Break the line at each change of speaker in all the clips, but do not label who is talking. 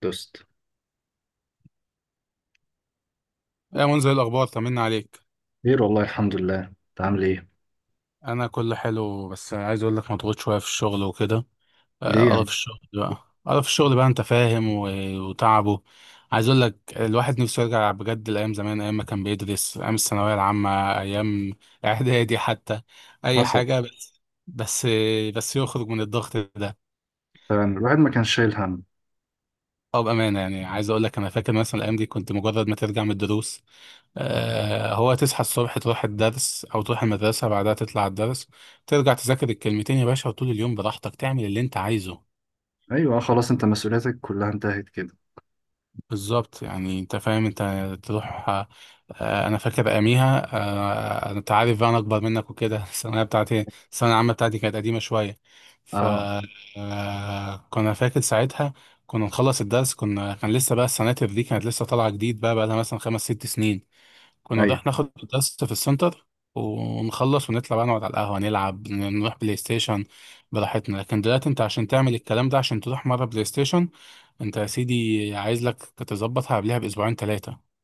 دوست.
ايه منزل الاخبار؟ طمنا عليك.
خير والله، الحمد لله. انت عامل ايه؟
انا كله حلو، بس عايز اقول لك مضغوط شويه في الشغل وكده.
ليه
قرف
يعني؟
الشغل بقى، انت فاهم، و- وتعبه. عايز اقول لك الواحد نفسه يرجع بجد لايام زمان، ايام ما كان بيدرس، ايام الثانويه العامه، ايام اعدادي حتى، اي
حصل.
حاجه، بس بس يخرج من الضغط ده.
فعلا الواحد ما كانش شايل هم.
او بامانه، يعني عايز اقول لك انا فاكر مثلا الايام دي كنت مجرد ما ترجع من الدروس. هو تصحى الصبح، تروح الدرس او تروح المدرسه، بعدها تطلع الدرس، ترجع تذاكر الكلمتين يا باشا، وطول اليوم براحتك تعمل اللي انت عايزه.
ايوه، خلاص انت مسؤولياتك كلها انتهت كده.
بالظبط، يعني انت فاهم، انت تروح انا فاكر اياميها، انت عارف بقى انا اكبر منك وكده الثانويه بتاعتي، الثانويه العامه بتاعتي كانت قديمه شويه. ف
اه،
كنا فاكر ساعتها، كنا نخلص الدرس، كنا كان لسه بقى، السناتر دي كانت لسه طالعه جديد، بقى لها مثلا خمس ست سنين. كنا رايح
ايوه.
ناخد درس في السنتر، ونخلص ونطلع بقى، نقعد على القهوة، نلعب، نروح بلاي ستيشن براحتنا. لكن دلوقتي انت عشان تعمل الكلام ده، عشان تروح مرة بلاي ستيشن، انت يا سيدي عايز لك تظبطها قبلها بأسبوعين ثلاثة.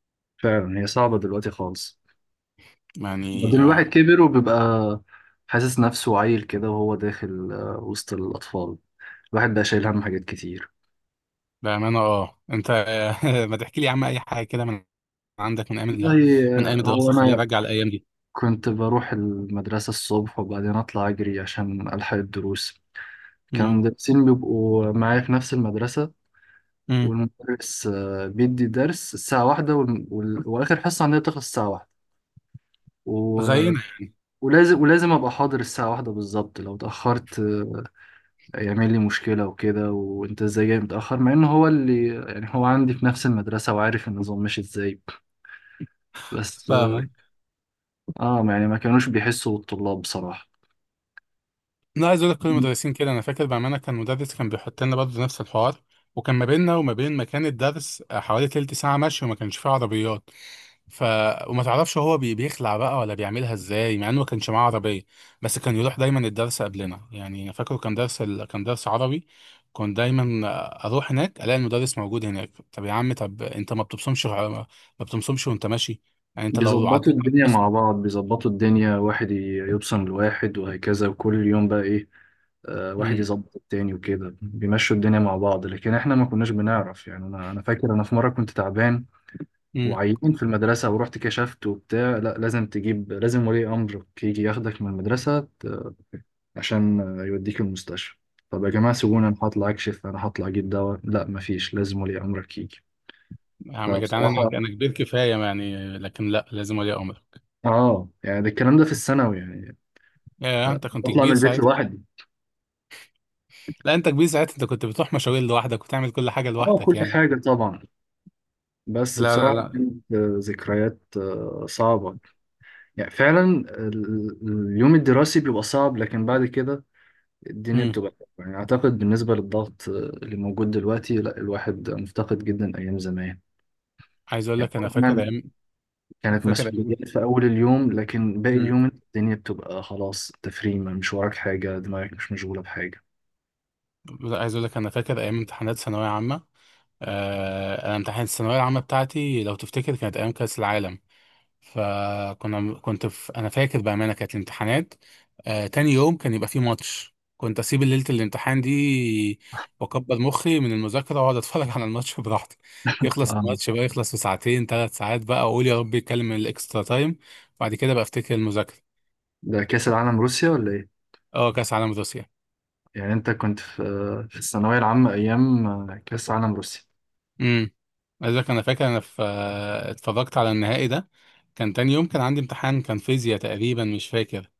فعلا هي صعبه دلوقتي خالص. بعدين
يعني
الواحد كبر وبيبقى حاسس نفسه عيل كده وهو داخل وسط الاطفال. الواحد بقى شايل هم حاجات كتير.
بأمانة اه، انت ما تحكي لي يا عم أي حاجة كده من عندك،
والله.
من أيام
هو
الدراسة، خلينا
انا
نرجع الأيام دي.
كنت بروح المدرسه الصبح وبعدين اطلع اجري عشان الحق الدروس. كانوا
امم
المدرسين بيبقوا معايا في نفس المدرسة.
امم
والمدرس بيدي درس الساعة واحدة وآخر حصة عندنا بتخلص الساعة واحدة. و-
زينا.
ولازم أبقى حاضر الساعة واحدة بالظبط. لو اتأخرت يعمل لي مشكلة وكده، وأنت إزاي جاي متأخر، مع إن هو اللي يعني هو عندي في نفس المدرسة وعارف النظام ماشي إزاي. بس
فاهمك.
يعني ما كانوش بيحسوا بالطلاب بصراحة.
انا عايز اقول لك كل المدرسين كده. انا فاكر بامانه كان مدرس كان بيحط لنا برضه نفس الحوار، وكان ما بيننا وما بين مكان الدرس حوالي تلت ساعه مشي، وما كانش فيه عربيات. ف وما تعرفش هو بيخلع بقى ولا بيعملها ازاي، مع انه ما كانش معاه عربيه. بس كان يروح دايما الدرس قبلنا، يعني انا فاكره كان كان درس عربي. كنت دايما اروح هناك الاقي المدرس موجود هناك. طب يا عم، طب انت ما بتبصمش؟ ما بتبصمش وانت ماشي؟ يعني انت لو
بيظبطوا
عديت على
الدنيا مع بعض، بيظبطوا الدنيا، واحد يبصم لواحد وهكذا، وكل يوم بقى ايه، واحد
البصمه.
يظبط التاني وكده بيمشوا الدنيا مع بعض، لكن احنا ما كناش بنعرف. يعني انا فاكر انا في مره كنت تعبان وعيان في المدرسه ورحت كشفت وبتاع. لا، لازم تجيب، لازم ولي امرك يجي ياخدك من المدرسه عشان يوديك المستشفى. طب يا جماعه سيبوني، انا هطلع اكشف، انا هطلع اجيب دواء، لا مفيش، لازم ولي امرك يجي.
يا عم يا جدعان، انا
فبصراحه،
انا كبير كفايه يعني، لكن لا، لازم ولي امرك.
اه، يعني ده الكلام ده في الثانوي يعني.
يا انت كنت
بطلع من
كبير
البيت
ساعتها.
لوحدي.
لا، انت كبير ساعتها، انت كنت بتروح مشاوير لوحدك وتعمل كل حاجه
اه،
لوحدك
كل
يعني.
حاجة طبعا. بس
لا، لا،
بصراحة
لا.
كانت ذكريات صعبة. يعني فعلا. ال- اليوم الدراسي بيبقى صعب لكن بعد كده الدنيا
امم.
بتبقى حلوة. يعني أعتقد بالنسبة للضغط اللي موجود دلوقتي، لا الواحد مفتقد جدا أيام زمان.
عايز اقول
يعني
لك انا فاكر
طبعا
ايام.
كانت
فاكر ايام
مسؤوليات في أول اليوم لكن باقي
امم.
اليوم الدنيا بتبقى خلاص تفريمة، مش وراك حاجة، دماغك مش مشغولة بحاجة.
لا، عايز اقول لك انا فاكر ايام امتحانات ثانويه عامه. انا امتحانات الثانويه العامه بتاعتي، لو تفتكر، كانت ايام كاس العالم. فكنا كنت في انا فاكر بامانه كانت الامتحانات تاني يوم كان يبقى فيه ماتش، كنت اسيب ليله الامتحان دي واكبر مخي من المذاكره، واقعد اتفرج على الماتش براحتي. يخلص
آه.
الماتش بقى، يخلص في ساعتين ثلاث ساعات، بقى اقول يا رب يتكلم الاكسترا تايم. بعد كده بقى افتكر المذاكره.
ده كأس العالم روسيا ولا إيه؟
اه، كاس عالم روسيا.
يعني انت كنت في في الثانوية العامة ايام كأس عالم روسيا.
امم. لذلك انا فاكر انا في اتفرجت على النهائي ده، كان تاني يوم كان عندي امتحان، كان فيزياء تقريبا، مش فاكر.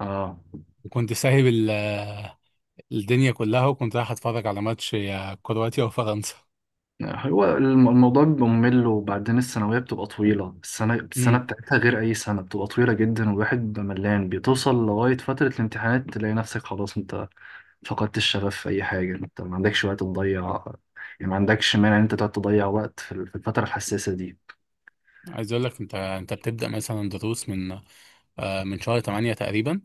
اه.
وكنت سايب الدنيا كلها، وكنت رايح اتفرج على ماتش يا كرواتيا وفرنسا.
هو الموضوع بيبقى ممل، وبعدين الثانوية بتبقى طويلة، السنة، السنة
امم.
بتاعتها غير أي سنة، بتبقى طويلة جدا والواحد بيبقى ملان، بتوصل لغاية فترة الامتحانات تلاقي نفسك خلاص انت فقدت الشغف في أي حاجة، انت ما عندكش وقت تضيع، يعني ما عندكش مانع ان انت تقعد تضيع وقت في في الفترة الحساسة دي.
عايز اقول لك، انت بتبدا مثلا دروس من من شهر 8 تقريبا،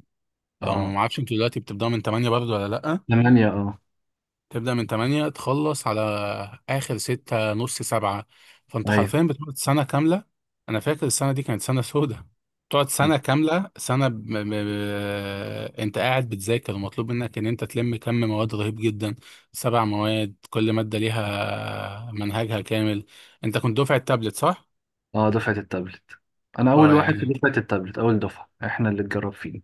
أو ما
اه،
اعرفش انتوا دلوقتي بتبداوا من 8 برضه ولا لا.
8، اه.
تبدا من 8، تخلص على اخر ستة نص سبعة. فانت
ايوه.
حرفيا بتقعد سنة كاملة. انا فاكر السنة دي كانت سنة سودة، تقعد سنة كاملة، سنة انت قاعد بتذاكر، ومطلوب منك ان انت تلم كم مواد رهيب جدا. 7 مواد، كل مادة ليها منهجها كامل. انت كنت دفعة تابلت صح؟
اه، دفعة التابلت. انا اول
اه
واحد في
يعني.
دفعة التابلت، اول دفعة احنا اللي اتجرب فيه.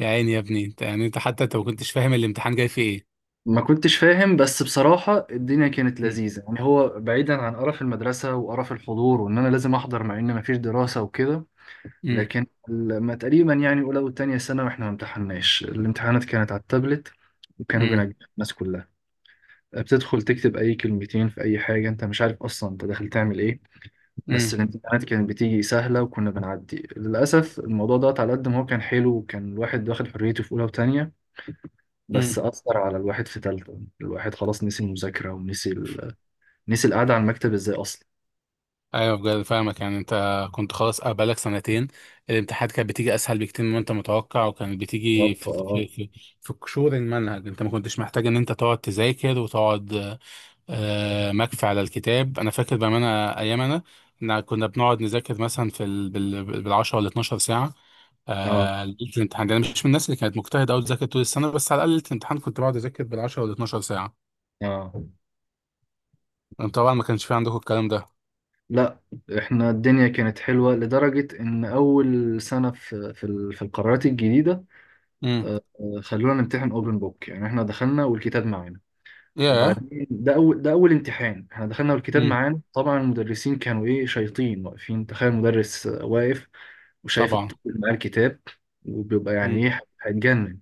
يا عيني يا ابني، انت يعني انت حتى انت ما كنتش فاهم الامتحان جاي فيه
ما كنتش فاهم، بس بصراحة الدنيا كانت
ايه.
لذيذة. يعني هو بعيدا عن قرف المدرسة وقرف الحضور وإن أنا لازم أحضر مع إن مفيش دراسة وكده،
مم.
لكن لما تقريبا، يعني أولى وتانية سنة، وإحنا ما امتحناش، الامتحانات كانت على التابلت وكانوا
مم.
بينجحوا الناس كلها. بتدخل تكتب أي كلمتين في أي حاجة، أنت مش عارف أصلا أنت داخل تعمل إيه. بس
مم.
الامتحانات كانت بتيجي سهلة وكنا بنعدي. للأسف الموضوع ده، على قد ما هو كان حلو وكان الواحد واخد حريته في أولى وتانية، بس
مم.
أثر على الواحد في تالتة، الواحد خلاص نسي المذاكرة ونسي نسي القعدة على المكتب ازاي أصلا.
ايوه، بجد فاهمك. يعني انت كنت خلاص، بقالك سنتين، الامتحانات كانت بتيجي اسهل بكتير مما انت متوقع، وكانت بتيجي
بالظبط اه.
في قشور المنهج. انت ما كنتش محتاج ان انت تقعد تذاكر وتقعد مكفي على الكتاب. انا فاكر بامانه ايام انا، إن كنا بنقعد نذاكر مثلا بال 10 ولا 12 ساعه
اه،
ليله الامتحان ده. انا مش من الناس اللي كانت مجتهده قوي تذاكر طول السنه، بس على الاقل ليله الامتحان كنت بقعد اذاكر بال 10 ولا 12 ساعه.
اه.
طبعا ما كانش في عندكم الكلام ده.
لا، احنا الدنيا كانت حلوة لدرجة ان اول سنة في في القرارات الجديدة،
امم.
خلونا نمتحن اوبن بوك، يعني احنا دخلنا والكتاب معانا.
ياه.
وبعدين ده اول امتحان احنا دخلنا والكتاب
امم.
معانا. طبعا المدرسين كانوا ايه، شياطين واقفين. تخيل مدرس واقف وشايف
طبعا.
الطفل معاه الكتاب، وبيبقى يعني ايه، هيتجنن.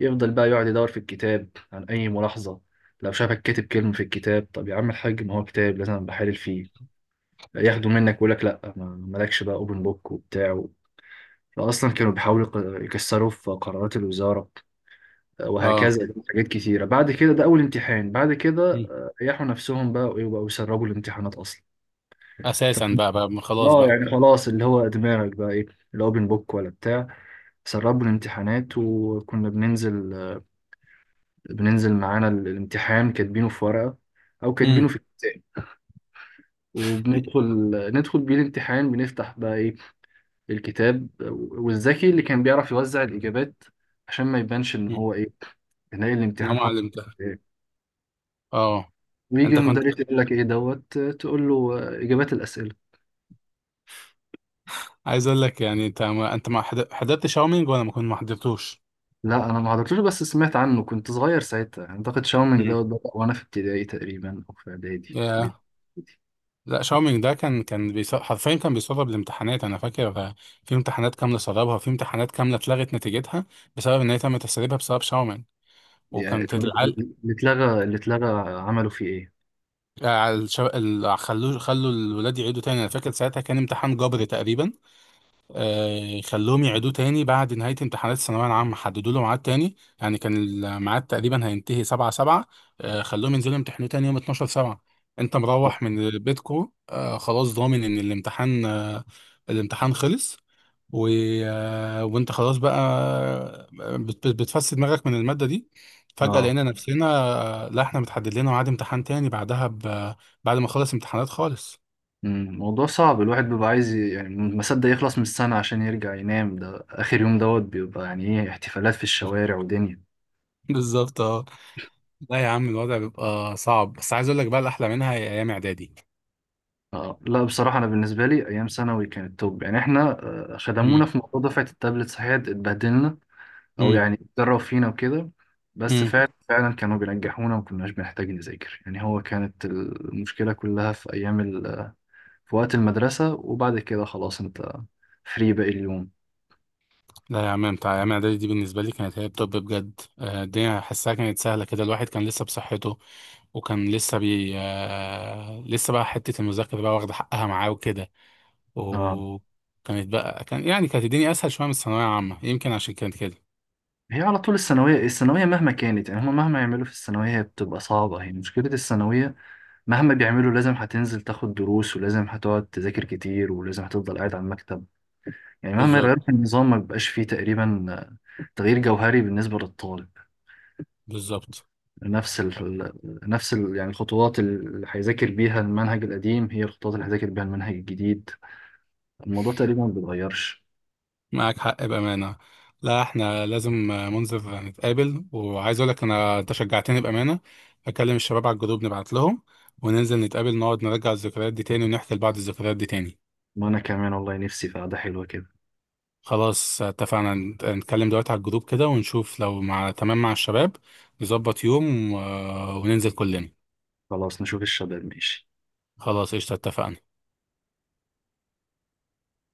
يفضل بقى يقعد يدور في الكتاب عن أي ملاحظة، لو شافك كاتب كلمة في الكتاب. طب يا عم الحاج، ما هو كتاب، لازم بحلل فيه. ياخده منك ويقول لك لا، مالكش بقى اوبن بوك وبتاع. فأصلا كانوا بيحاولوا يكسروا في قرارات الوزارة
اه.
وهكذا حاجات كتيرة. بعد كده ده أول امتحان، بعد كده
مم.
ريحوا نفسهم بقى ويبقوا يسربوا الامتحانات أصلا. ف...
اساسا بقى، ما خلاص
اه،
بقى.
يعني خلاص، اللي هو دماغك بقى ايه، الاوبن بوك ولا بتاع. سربوا الامتحانات وكنا بننزل معانا الامتحان كاتبينه في ورقة أو كاتبينه
امم.
في كتاب، وبندخل بيه الامتحان، بنفتح بقى إيه، الكتاب. والذكي اللي كان بيعرف يوزع الإجابات عشان ما يبانش إن هو إيه، نلاقي
انا
الامتحان
ما
حاطه
علمتها.
إيه.
اه،
ويجي
انت كنت.
المدرس يقول لك إيه دوت، تقول له إجابات الأسئلة.
عايز اقول لك، يعني انت ما حضرت شاومينج، ولا ما كنت ما حضرتوش؟
لا أنا ما حضرتوش، بس سمعت عنه، كنت صغير ساعتها. أعتقد شاومينج
امم.
دوت بدأ وأنا في ابتدائي تقريبا أو في إعدادي.
يا. لا، شاومينج ده كان حرفيا كان بيسرب الامتحانات. انا فاكر في امتحانات كامله سربها، وفي امتحانات كامله اتلغت نتيجتها بسبب ان هي تم تسريبها بسبب شاومينج.
يعني
وكانت
طب
العل...
اللي اتلغى، اللي اتلغى عملوا فيه إيه؟
الشو... ال... خلوا الولاد يعيدوا تاني. انا فاكر ساعتها كان امتحان جبري تقريبا. خلوهم يعيدوه تاني بعد نهاية امتحانات الثانوية العامة، حددوا له ميعاد تاني. يعني كان الميعاد تقريبا هينتهي 7/7. خلوهم ينزلوا يمتحنوه تاني يوم 12/7. انت
طب
مروح من بيتكو خلاص ضامن ان الامتحان الامتحان خلص، و... وانت خلاص بقى بتفسد دماغك من المادة دي، فجأة
آه.
لقينا نفسنا لا، احنا متحدد لنا ميعاد امتحان تاني بعدها بعد ما خلص امتحانات خالص.
مم، موضوع صعب. الواحد بيبقى عايز يعني ما صدق يخلص من السنة عشان يرجع ينام. ده آخر يوم دوت بيبقى يعني إيه، احتفالات في الشوارع ودنيا.
بالظبط اه. لا يا عم، الوضع بيبقى صعب، بس عايز اقول لك بقى، الاحلى منها هي ايام اعدادي.
آه، لا بصراحة أنا بالنسبة لي أيام ثانوي كانت توب. يعني إحنا،
امم
خدمونا في موضوع دفعة التابلت، صحيح اتبهدلنا أو
امم
يعني اتدرب فينا وكده، بس
امم
فعلا فعلا كانوا بينجحونا وما كناش بنحتاج نذاكر. يعني هو كانت المشكلة كلها في أيام في وقت المدرسة وبعد كده خلاص أنت فري باقي اليوم.
لا يا عم، بتاع ايام اعدادي دي بالنسبه لي كانت هي التوب بجد. الدنيا حاسها كانت سهله كده، الواحد كان لسه بصحته، وكان لسه بي آه، لسه بقى حته المذاكره بقى واخده حقها معاه وكده.
آه.
وكانت بقى كان يعني كانت الدنيا اسهل شويه من الثانويه العامه، يمكن عشان كانت كده.
هي على طول الثانوية، الثانوية مهما كانت، يعني هما مهما يعملوا في الثانوية هي بتبقى صعبة، هي مشكلة الثانوية، مهما بيعملوا لازم هتنزل تاخد دروس ولازم هتقعد تذاكر كتير ولازم هتفضل قاعد على المكتب. يعني مهما يغيروا في
بالظبط.
النظام ما بيبقاش فيه تقريبا تغيير جوهري بالنسبة للطالب.
بالظبط.
نفس ال... يعني الخطوات اللي هيذاكر بيها المنهج القديم هي الخطوات اللي هيذاكر بيها المنهج الجديد. الموضوع تقريبا ما بيتغيرش.
معاك حق بأمانة. لا، احنا لازم منزل نتقابل. وعايز اقول لك انا، انت شجعتني بأمانة. اكلم الشباب على الجروب، نبعت لهم وننزل نتقابل، نقعد نرجع الذكريات دي تاني، ونحكي لبعض الذكريات دي تاني.
وأنا كمان والله نفسي في قعدة حلوة كده.
خلاص، اتفقنا. نتكلم دلوقتي على الجروب كده، ونشوف لو مع تمام مع الشباب، نظبط يوم وننزل كلنا.
خلاص نشوف الشباب ماشي.
خلاص، قشطة، اتفقنا.